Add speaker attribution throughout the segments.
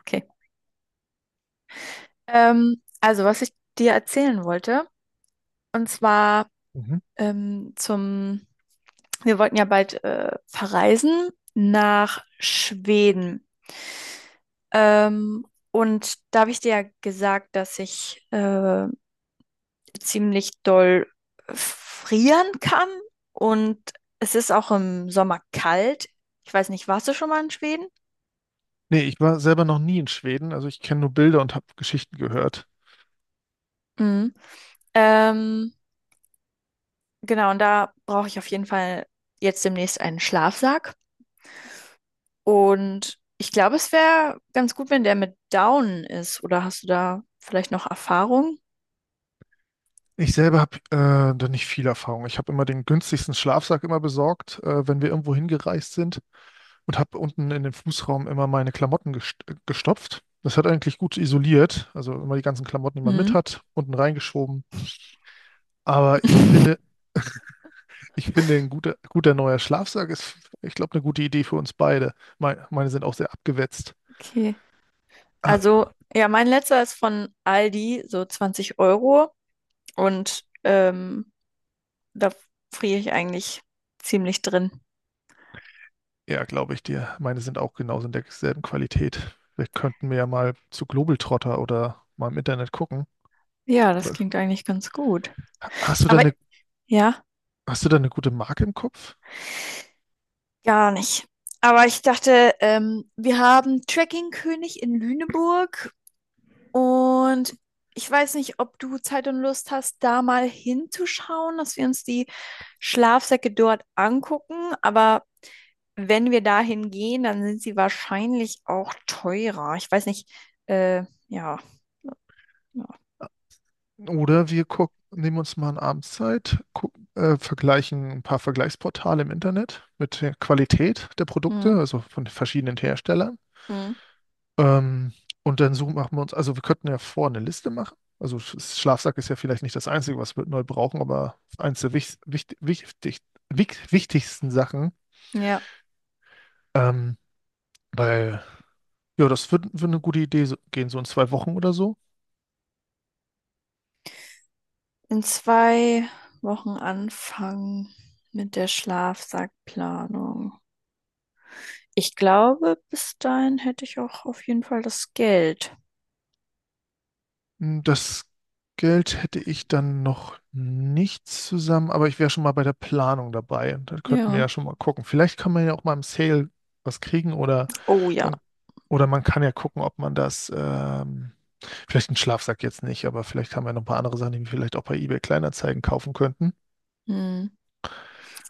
Speaker 1: Okay. Also, was ich dir erzählen wollte, und zwar
Speaker 2: Mhm.
Speaker 1: ähm, zum, wir wollten ja bald verreisen nach Schweden. Ähm, und da habe ich dir ja gesagt, dass ich ziemlich doll frieren kann und es ist auch im Sommer kalt. Ich weiß nicht, warst du schon mal in Schweden?
Speaker 2: Nee, ich war selber noch nie in Schweden, also ich kenne nur Bilder und habe Geschichten gehört.
Speaker 1: Mhm. Ähm, genau, und da brauche ich auf jeden Fall jetzt demnächst einen Schlafsack. Und ich glaube, es wäre ganz gut, wenn der mit Down ist. Oder hast du da vielleicht noch Erfahrung?
Speaker 2: Ich selber habe da nicht viel Erfahrung. Ich habe immer den günstigsten Schlafsack immer besorgt, wenn wir irgendwo hingereist sind und habe unten in den Fußraum immer meine Klamotten gestopft. Das hat eigentlich gut isoliert, also immer die ganzen Klamotten, die man mit
Speaker 1: Hm.
Speaker 2: hat, unten reingeschoben. Aber ich finde, ich finde, ein guter, guter neuer Schlafsack ist, ich glaube, eine gute Idee für uns beide. Meine sind auch sehr abgewetzt.
Speaker 1: Okay. Also, ja, mein letzter ist von Aldi, so 20 Euro. Und da friere ich eigentlich ziemlich drin.
Speaker 2: Ja, glaube ich dir. Meine sind auch genauso in derselben Qualität. Wir könnten mir ja mal zu Globetrotter oder mal im Internet gucken.
Speaker 1: Ja, das
Speaker 2: Oder
Speaker 1: klingt eigentlich ganz gut.
Speaker 2: hast du da
Speaker 1: Aber
Speaker 2: eine,
Speaker 1: ja,
Speaker 2: hast du da eine gute Marke im Kopf?
Speaker 1: gar nicht. Aber ich dachte, wir haben König in Lüneburg. Und ich weiß nicht, ob du Zeit und Lust hast, da mal hinzuschauen, dass wir uns die Schlafsäcke dort angucken. Aber wenn wir dahin gehen, dann sind sie wahrscheinlich auch teurer. Ich weiß nicht, ja, ja.
Speaker 2: Oder wir gucken, nehmen uns mal eine Abendszeit, gucken, vergleichen ein paar Vergleichsportale im Internet mit der Qualität der
Speaker 1: Hm,
Speaker 2: Produkte, also von verschiedenen Herstellern.
Speaker 1: hm.
Speaker 2: Ähm, und dann suchen, machen wir uns, also wir könnten ja vor eine Liste machen. Also Schlafsack ist ja vielleicht nicht das Einzige, was wir neu brauchen, aber eins der wichtigsten Sachen.
Speaker 1: Ja,
Speaker 2: Ähm, Weil, ja, das würde würd würd eine gute Idee gehen, so in zwei Wochen oder so.
Speaker 1: in 2 Wochen anfangen mit der Schlafsackplanung. Ich glaube, bis dahin hätte ich auch auf jeden Fall das Geld.
Speaker 2: Das Geld hätte ich dann noch nicht zusammen, aber ich wäre schon mal bei der Planung dabei. Und dann könnten wir
Speaker 1: Ja.
Speaker 2: ja schon mal gucken. Vielleicht kann man ja auch mal im Sale was kriegen oder
Speaker 1: Oh ja.
Speaker 2: man, man kann ja gucken, ob man das vielleicht einen Schlafsack jetzt nicht, aber vielleicht haben wir noch ein paar andere Sachen, die wir vielleicht auch bei eBay Kleinanzeigen kaufen könnten.
Speaker 1: Hm.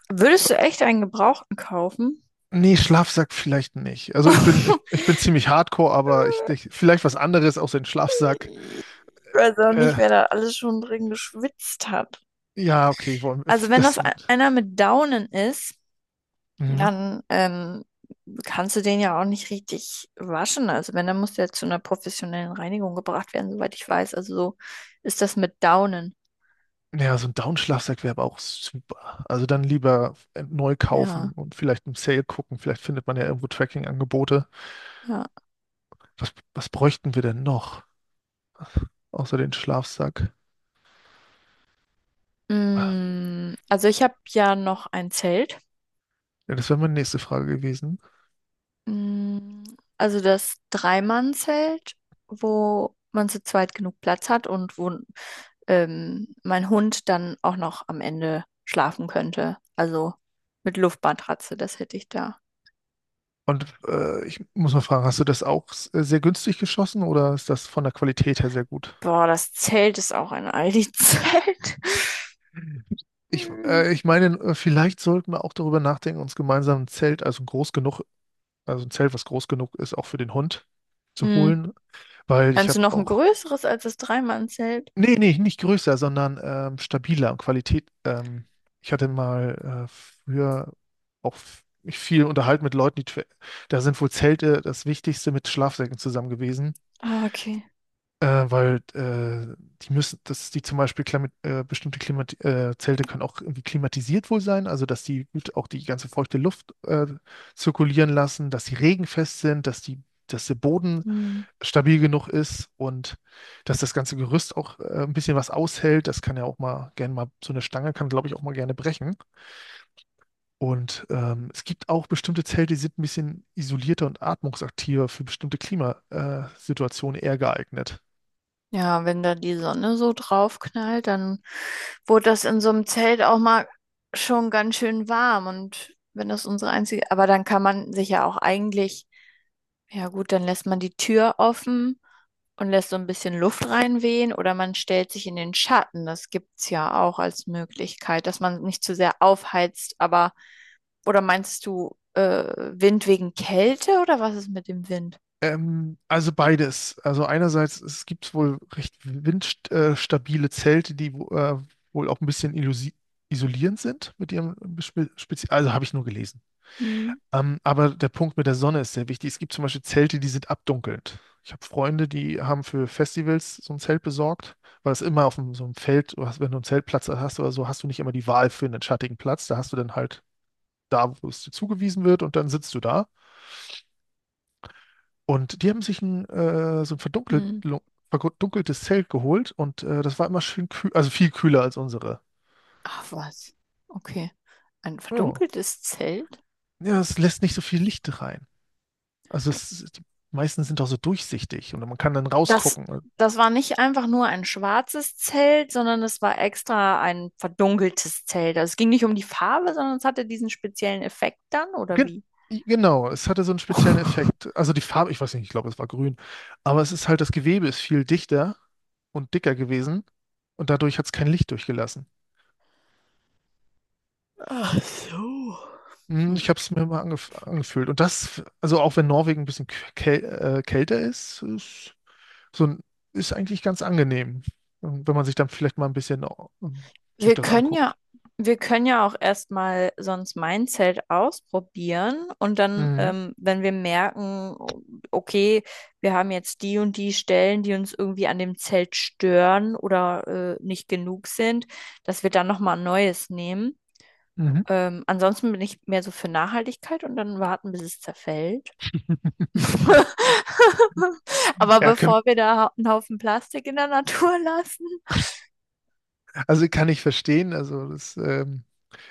Speaker 1: Würdest du echt einen Gebrauchten kaufen?
Speaker 2: Nee, Schlafsack vielleicht nicht. Also ich bin ziemlich hardcore, aber ich vielleicht was anderes außer den Schlafsack.
Speaker 1: Ich weiß auch nicht,
Speaker 2: Äh,
Speaker 1: wer da alles schon drin geschwitzt hat.
Speaker 2: ja, okay, wollen
Speaker 1: Also wenn das
Speaker 2: das.
Speaker 1: einer mit Daunen ist,
Speaker 2: Mhm.
Speaker 1: dann kannst du den ja auch nicht richtig waschen. Also wenn, dann muss der zu einer professionellen Reinigung gebracht werden, soweit ich weiß. Also so ist das mit Daunen.
Speaker 2: Ja, so ein Down-Schlafsack wäre aber auch super. Also dann lieber neu
Speaker 1: Ja,
Speaker 2: kaufen und vielleicht im Sale gucken. Vielleicht findet man ja irgendwo Tracking-Angebote.
Speaker 1: ja.
Speaker 2: Was bräuchten wir denn noch außer den Schlafsack? Ja,
Speaker 1: Also ich habe ja noch ein Zelt.
Speaker 2: das wäre meine nächste Frage gewesen.
Speaker 1: Mm, Also das Dreimannzelt, wo man zu zweit genug Platz hat und wo mein Hund dann auch noch am Ende schlafen könnte. Also mit Luftmatratze, das hätte ich da.
Speaker 2: Und ich muss mal fragen, hast du das auch sehr günstig geschossen oder ist das von der Qualität her sehr gut?
Speaker 1: Boah, das Zelt ist auch ein Aldi-Zelt.
Speaker 2: Ich,
Speaker 1: Hm.
Speaker 2: äh, ich meine, vielleicht sollten wir auch darüber nachdenken, uns gemeinsam ein Zelt, also ein groß genug, also ein Zelt, was groß genug ist, auch für den Hund zu
Speaker 1: Hm.
Speaker 2: holen, weil ich
Speaker 1: Meinst
Speaker 2: habe
Speaker 1: du noch ein
Speaker 2: auch,
Speaker 1: größeres als das Dreimannzelt?
Speaker 2: nee, nee, nicht größer, sondern stabiler und Qualität. Ich hatte mal früher auch mich viel unterhalten mit Leuten, da sind wohl Zelte das Wichtigste mit Schlafsäcken zusammen gewesen.
Speaker 1: Ah, okay.
Speaker 2: Weil die müssen, dass die zum Beispiel bestimmte Klimat Zelte können auch irgendwie klimatisiert wohl sein, also dass die gut auch die ganze feuchte Luft zirkulieren lassen, dass sie regenfest sind, dass der Boden
Speaker 1: Hm.
Speaker 2: stabil genug ist und dass das ganze Gerüst auch ein bisschen was aushält. Das kann ja auch mal gerne mal, so eine Stange kann, glaube ich, auch mal gerne brechen. Und es gibt auch bestimmte Zelte, die sind ein bisschen isolierter und atmungsaktiver für bestimmte Klimasituationen eher geeignet.
Speaker 1: Ja, wenn da die Sonne so drauf knallt, dann wurde das in so einem Zelt auch mal schon ganz schön warm. Und wenn das unsere einzige, aber dann kann man sich ja auch eigentlich, ja gut, dann lässt man die Tür offen und lässt so ein bisschen Luft reinwehen oder man stellt sich in den Schatten. Das gibt's ja auch als Möglichkeit, dass man nicht zu sehr aufheizt, aber, oder meinst du, Wind wegen Kälte oder was ist mit dem Wind?
Speaker 2: Also beides. Also einerseits, es gibt wohl recht windstabile Zelte, die wohl auch ein bisschen isolierend sind mit ihrem Also habe ich nur gelesen.
Speaker 1: Hm,
Speaker 2: Aber der Punkt mit der Sonne ist sehr wichtig. Es gibt zum Beispiel Zelte, die sind abdunkelnd. Ich habe Freunde, die haben für Festivals so ein Zelt besorgt, weil es immer auf dem, so einem Feld, wenn du einen Zeltplatz hast oder so, hast du nicht immer die Wahl für einen schattigen Platz. Da hast du dann halt da, wo es dir zugewiesen wird und dann sitzt du da. Und die haben sich so ein
Speaker 1: hm.
Speaker 2: verdunkeltes Zelt geholt und das war immer schön kühl, also viel kühler als unsere.
Speaker 1: Ach was. Okay. Ein
Speaker 2: Ja.
Speaker 1: verdunkeltes Zelt.
Speaker 2: Ja, es lässt nicht so viel Licht rein. Also es, die meisten sind auch so durchsichtig und man kann dann
Speaker 1: Das,
Speaker 2: rausgucken.
Speaker 1: das war nicht einfach nur ein schwarzes Zelt, sondern es war extra ein verdunkeltes Zelt. Also es ging nicht um die Farbe, sondern es hatte diesen speziellen Effekt dann, oder
Speaker 2: Gen
Speaker 1: wie?
Speaker 2: genau, es hatte so einen speziellen Effekt. Also die Farbe, ich weiß nicht, ich glaube, es war grün, aber es ist halt, das Gewebe ist viel dichter und dicker gewesen und dadurch hat es kein Licht durchgelassen.
Speaker 1: Ach so.
Speaker 2: Ich
Speaker 1: Hm.
Speaker 2: habe es mir mal angefühlt. Und das, also auch wenn Norwegen ein bisschen käl kälter so ein, ist eigentlich ganz angenehm. Wenn man sich dann vielleicht mal ein bisschen sich
Speaker 1: Wir
Speaker 2: das
Speaker 1: können ja,
Speaker 2: anguckt.
Speaker 1: wir können ja auch erstmal sonst mein Zelt ausprobieren und dann,
Speaker 2: Mhm.
Speaker 1: wenn wir merken, okay, wir haben jetzt die und die Stellen, die uns irgendwie an dem Zelt stören oder nicht genug sind, dass wir dann nochmal ein neues nehmen.
Speaker 2: Mhm.
Speaker 1: Ansonsten bin ich mehr so für Nachhaltigkeit und dann warten, bis es zerfällt. Aber
Speaker 2: Ja,
Speaker 1: bevor wir da einen Haufen Plastik in der Natur lassen.
Speaker 2: also kann ich verstehen. Also das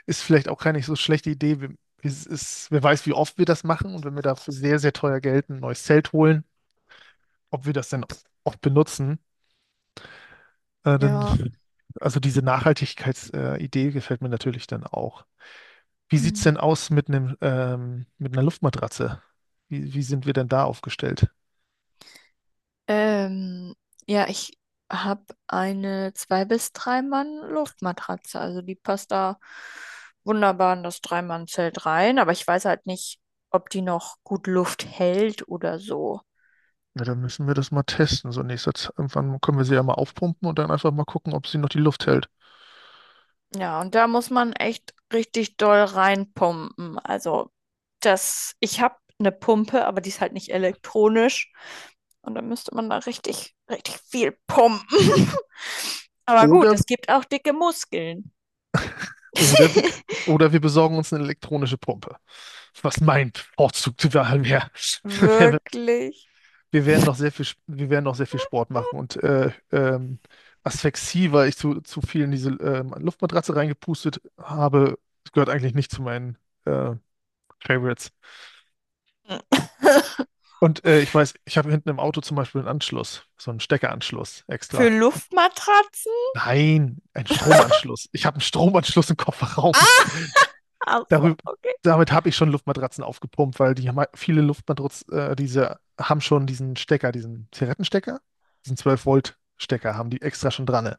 Speaker 2: ist vielleicht auch keine so schlechte Idee. Es ist, wer weiß, wie oft wir das machen und wenn wir dafür sehr, sehr teuer Geld ein neues Zelt holen, ob wir das dann oft benutzen. Dann,
Speaker 1: Ja.
Speaker 2: also diese Nachhaltigkeitsidee Idee gefällt mir natürlich dann auch. Wie sieht's
Speaker 1: Hm.
Speaker 2: denn aus mit einer Luftmatratze? Wie sind wir denn da aufgestellt?
Speaker 1: Ähm, ja, ich habe eine 2 bis 3 Mann Luftmatratze, also die passt da wunderbar in das Drei-Mann-Zelt rein, aber ich weiß halt nicht, ob die noch gut Luft hält oder so.
Speaker 2: Ja, dann müssen wir das mal testen. So in nächster Zeit. Irgendwann können wir sie ja mal aufpumpen und dann einfach mal gucken, ob sie noch die Luft hält.
Speaker 1: Ja, und da muss man echt richtig doll reinpumpen. Also das, ich habe eine Pumpe, aber die ist halt nicht elektronisch und da müsste man da richtig, richtig viel pumpen. Aber gut,
Speaker 2: Oder,
Speaker 1: es gibt auch dicke Muskeln.
Speaker 2: oder wir, oder wir besorgen uns eine elektronische Pumpe. Was mein Vorzug wäre, wäre,
Speaker 1: Wirklich?
Speaker 2: wir werden noch sehr viel, wir werden noch sehr viel Sport machen und Asphyxie, weil ich zu viel in diese Luftmatratze reingepustet habe, das gehört eigentlich nicht zu meinen äh, Favorites. Und ich weiß, ich habe hinten im Auto zum Beispiel einen Anschluss, so einen Steckeranschluss
Speaker 1: Für
Speaker 2: extra.
Speaker 1: Luftmatratzen?
Speaker 2: Nein, einen Stromanschluss. Ich habe einen Stromanschluss im Kofferraum.
Speaker 1: Ah! Ach so,
Speaker 2: Darüber,
Speaker 1: okay.
Speaker 2: damit habe ich schon Luftmatratzen aufgepumpt, weil die haben viele Luftmatratzen, diese haben schon diesen Stecker, diesen Zigarettenstecker, diesen 12-Volt-Stecker haben die extra schon dran. Ne?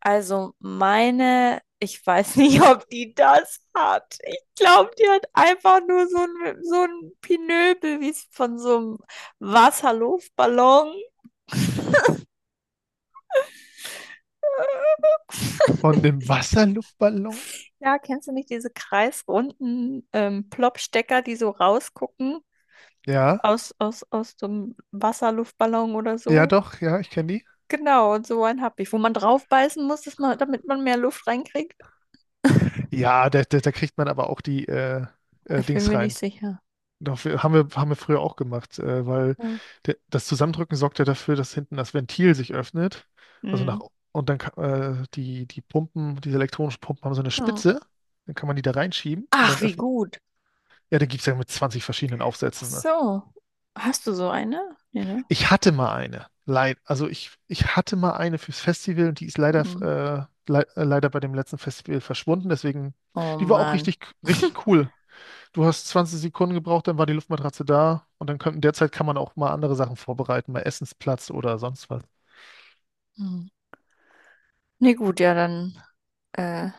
Speaker 1: Also meine, ich weiß nicht, ob die das hat. Ich glaube, die hat einfach nur so ein Pinöbel, wie es von so einem Wasserluftballon.
Speaker 2: Und im Wasserluftballon?
Speaker 1: Ja, kennst du nicht diese kreisrunden Plopstecker, die so rausgucken
Speaker 2: Ja,
Speaker 1: aus so einem Wasserluftballon oder
Speaker 2: ja
Speaker 1: so?
Speaker 2: doch, ja, ich kenne die.
Speaker 1: Genau, und so einen habe ich, wo man drauf beißen muss, dass man, damit man mehr Luft reinkriegt.
Speaker 2: Ja, da kriegt man aber auch die
Speaker 1: Ich bin
Speaker 2: Dings
Speaker 1: mir
Speaker 2: rein.
Speaker 1: nicht sicher.
Speaker 2: Doch, haben wir früher auch gemacht, weil
Speaker 1: Ja.
Speaker 2: das Zusammendrücken sorgt ja dafür, dass hinten das Ventil sich öffnet. Also nach,
Speaker 1: Hm.
Speaker 2: und dann die diese elektronischen Pumpen haben so eine
Speaker 1: Ja.
Speaker 2: Spitze. Dann kann man die da reinschieben und
Speaker 1: Ach,
Speaker 2: dann
Speaker 1: wie
Speaker 2: öffnen.
Speaker 1: gut.
Speaker 2: Ja, da gibt es ja mit 20 verschiedenen
Speaker 1: Ach
Speaker 2: Aufsätzen. Ne?
Speaker 1: so. Hast du so eine? Nee, ne?
Speaker 2: Ich hatte mal eine. Also ich hatte mal eine fürs Festival und die ist leider,
Speaker 1: Hm.
Speaker 2: äh, lei- äh, leider bei dem letzten Festival verschwunden. Deswegen,
Speaker 1: Oh
Speaker 2: die war auch
Speaker 1: Mann.
Speaker 2: richtig, richtig cool. Du hast 20 Sekunden gebraucht, dann war die Luftmatratze da und dann könnten derzeit kann man auch mal andere Sachen vorbereiten, mal Essensplatz oder sonst was.
Speaker 1: Hm. Nee, gut, ja, dann. Äh,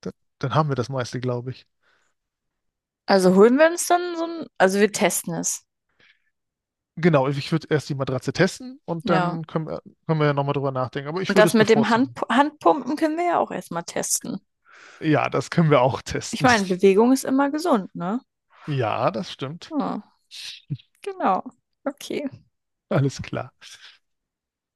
Speaker 2: Da- Dann haben wir das meiste, glaube ich.
Speaker 1: also holen wir uns dann so ein. Also wir testen es.
Speaker 2: Genau, ich würde erst die Matratze testen und
Speaker 1: Ja.
Speaker 2: dann können wir ja nochmal drüber nachdenken. Aber ich
Speaker 1: Und
Speaker 2: würde
Speaker 1: das
Speaker 2: es
Speaker 1: mit dem
Speaker 2: bevorzugen.
Speaker 1: Handpumpen können wir ja auch erstmal testen.
Speaker 2: Ja, das können wir auch
Speaker 1: Ich
Speaker 2: testen.
Speaker 1: meine, Bewegung ist immer gesund, ne?
Speaker 2: Ja, das stimmt.
Speaker 1: Ja, genau. Okay.
Speaker 2: Alles klar.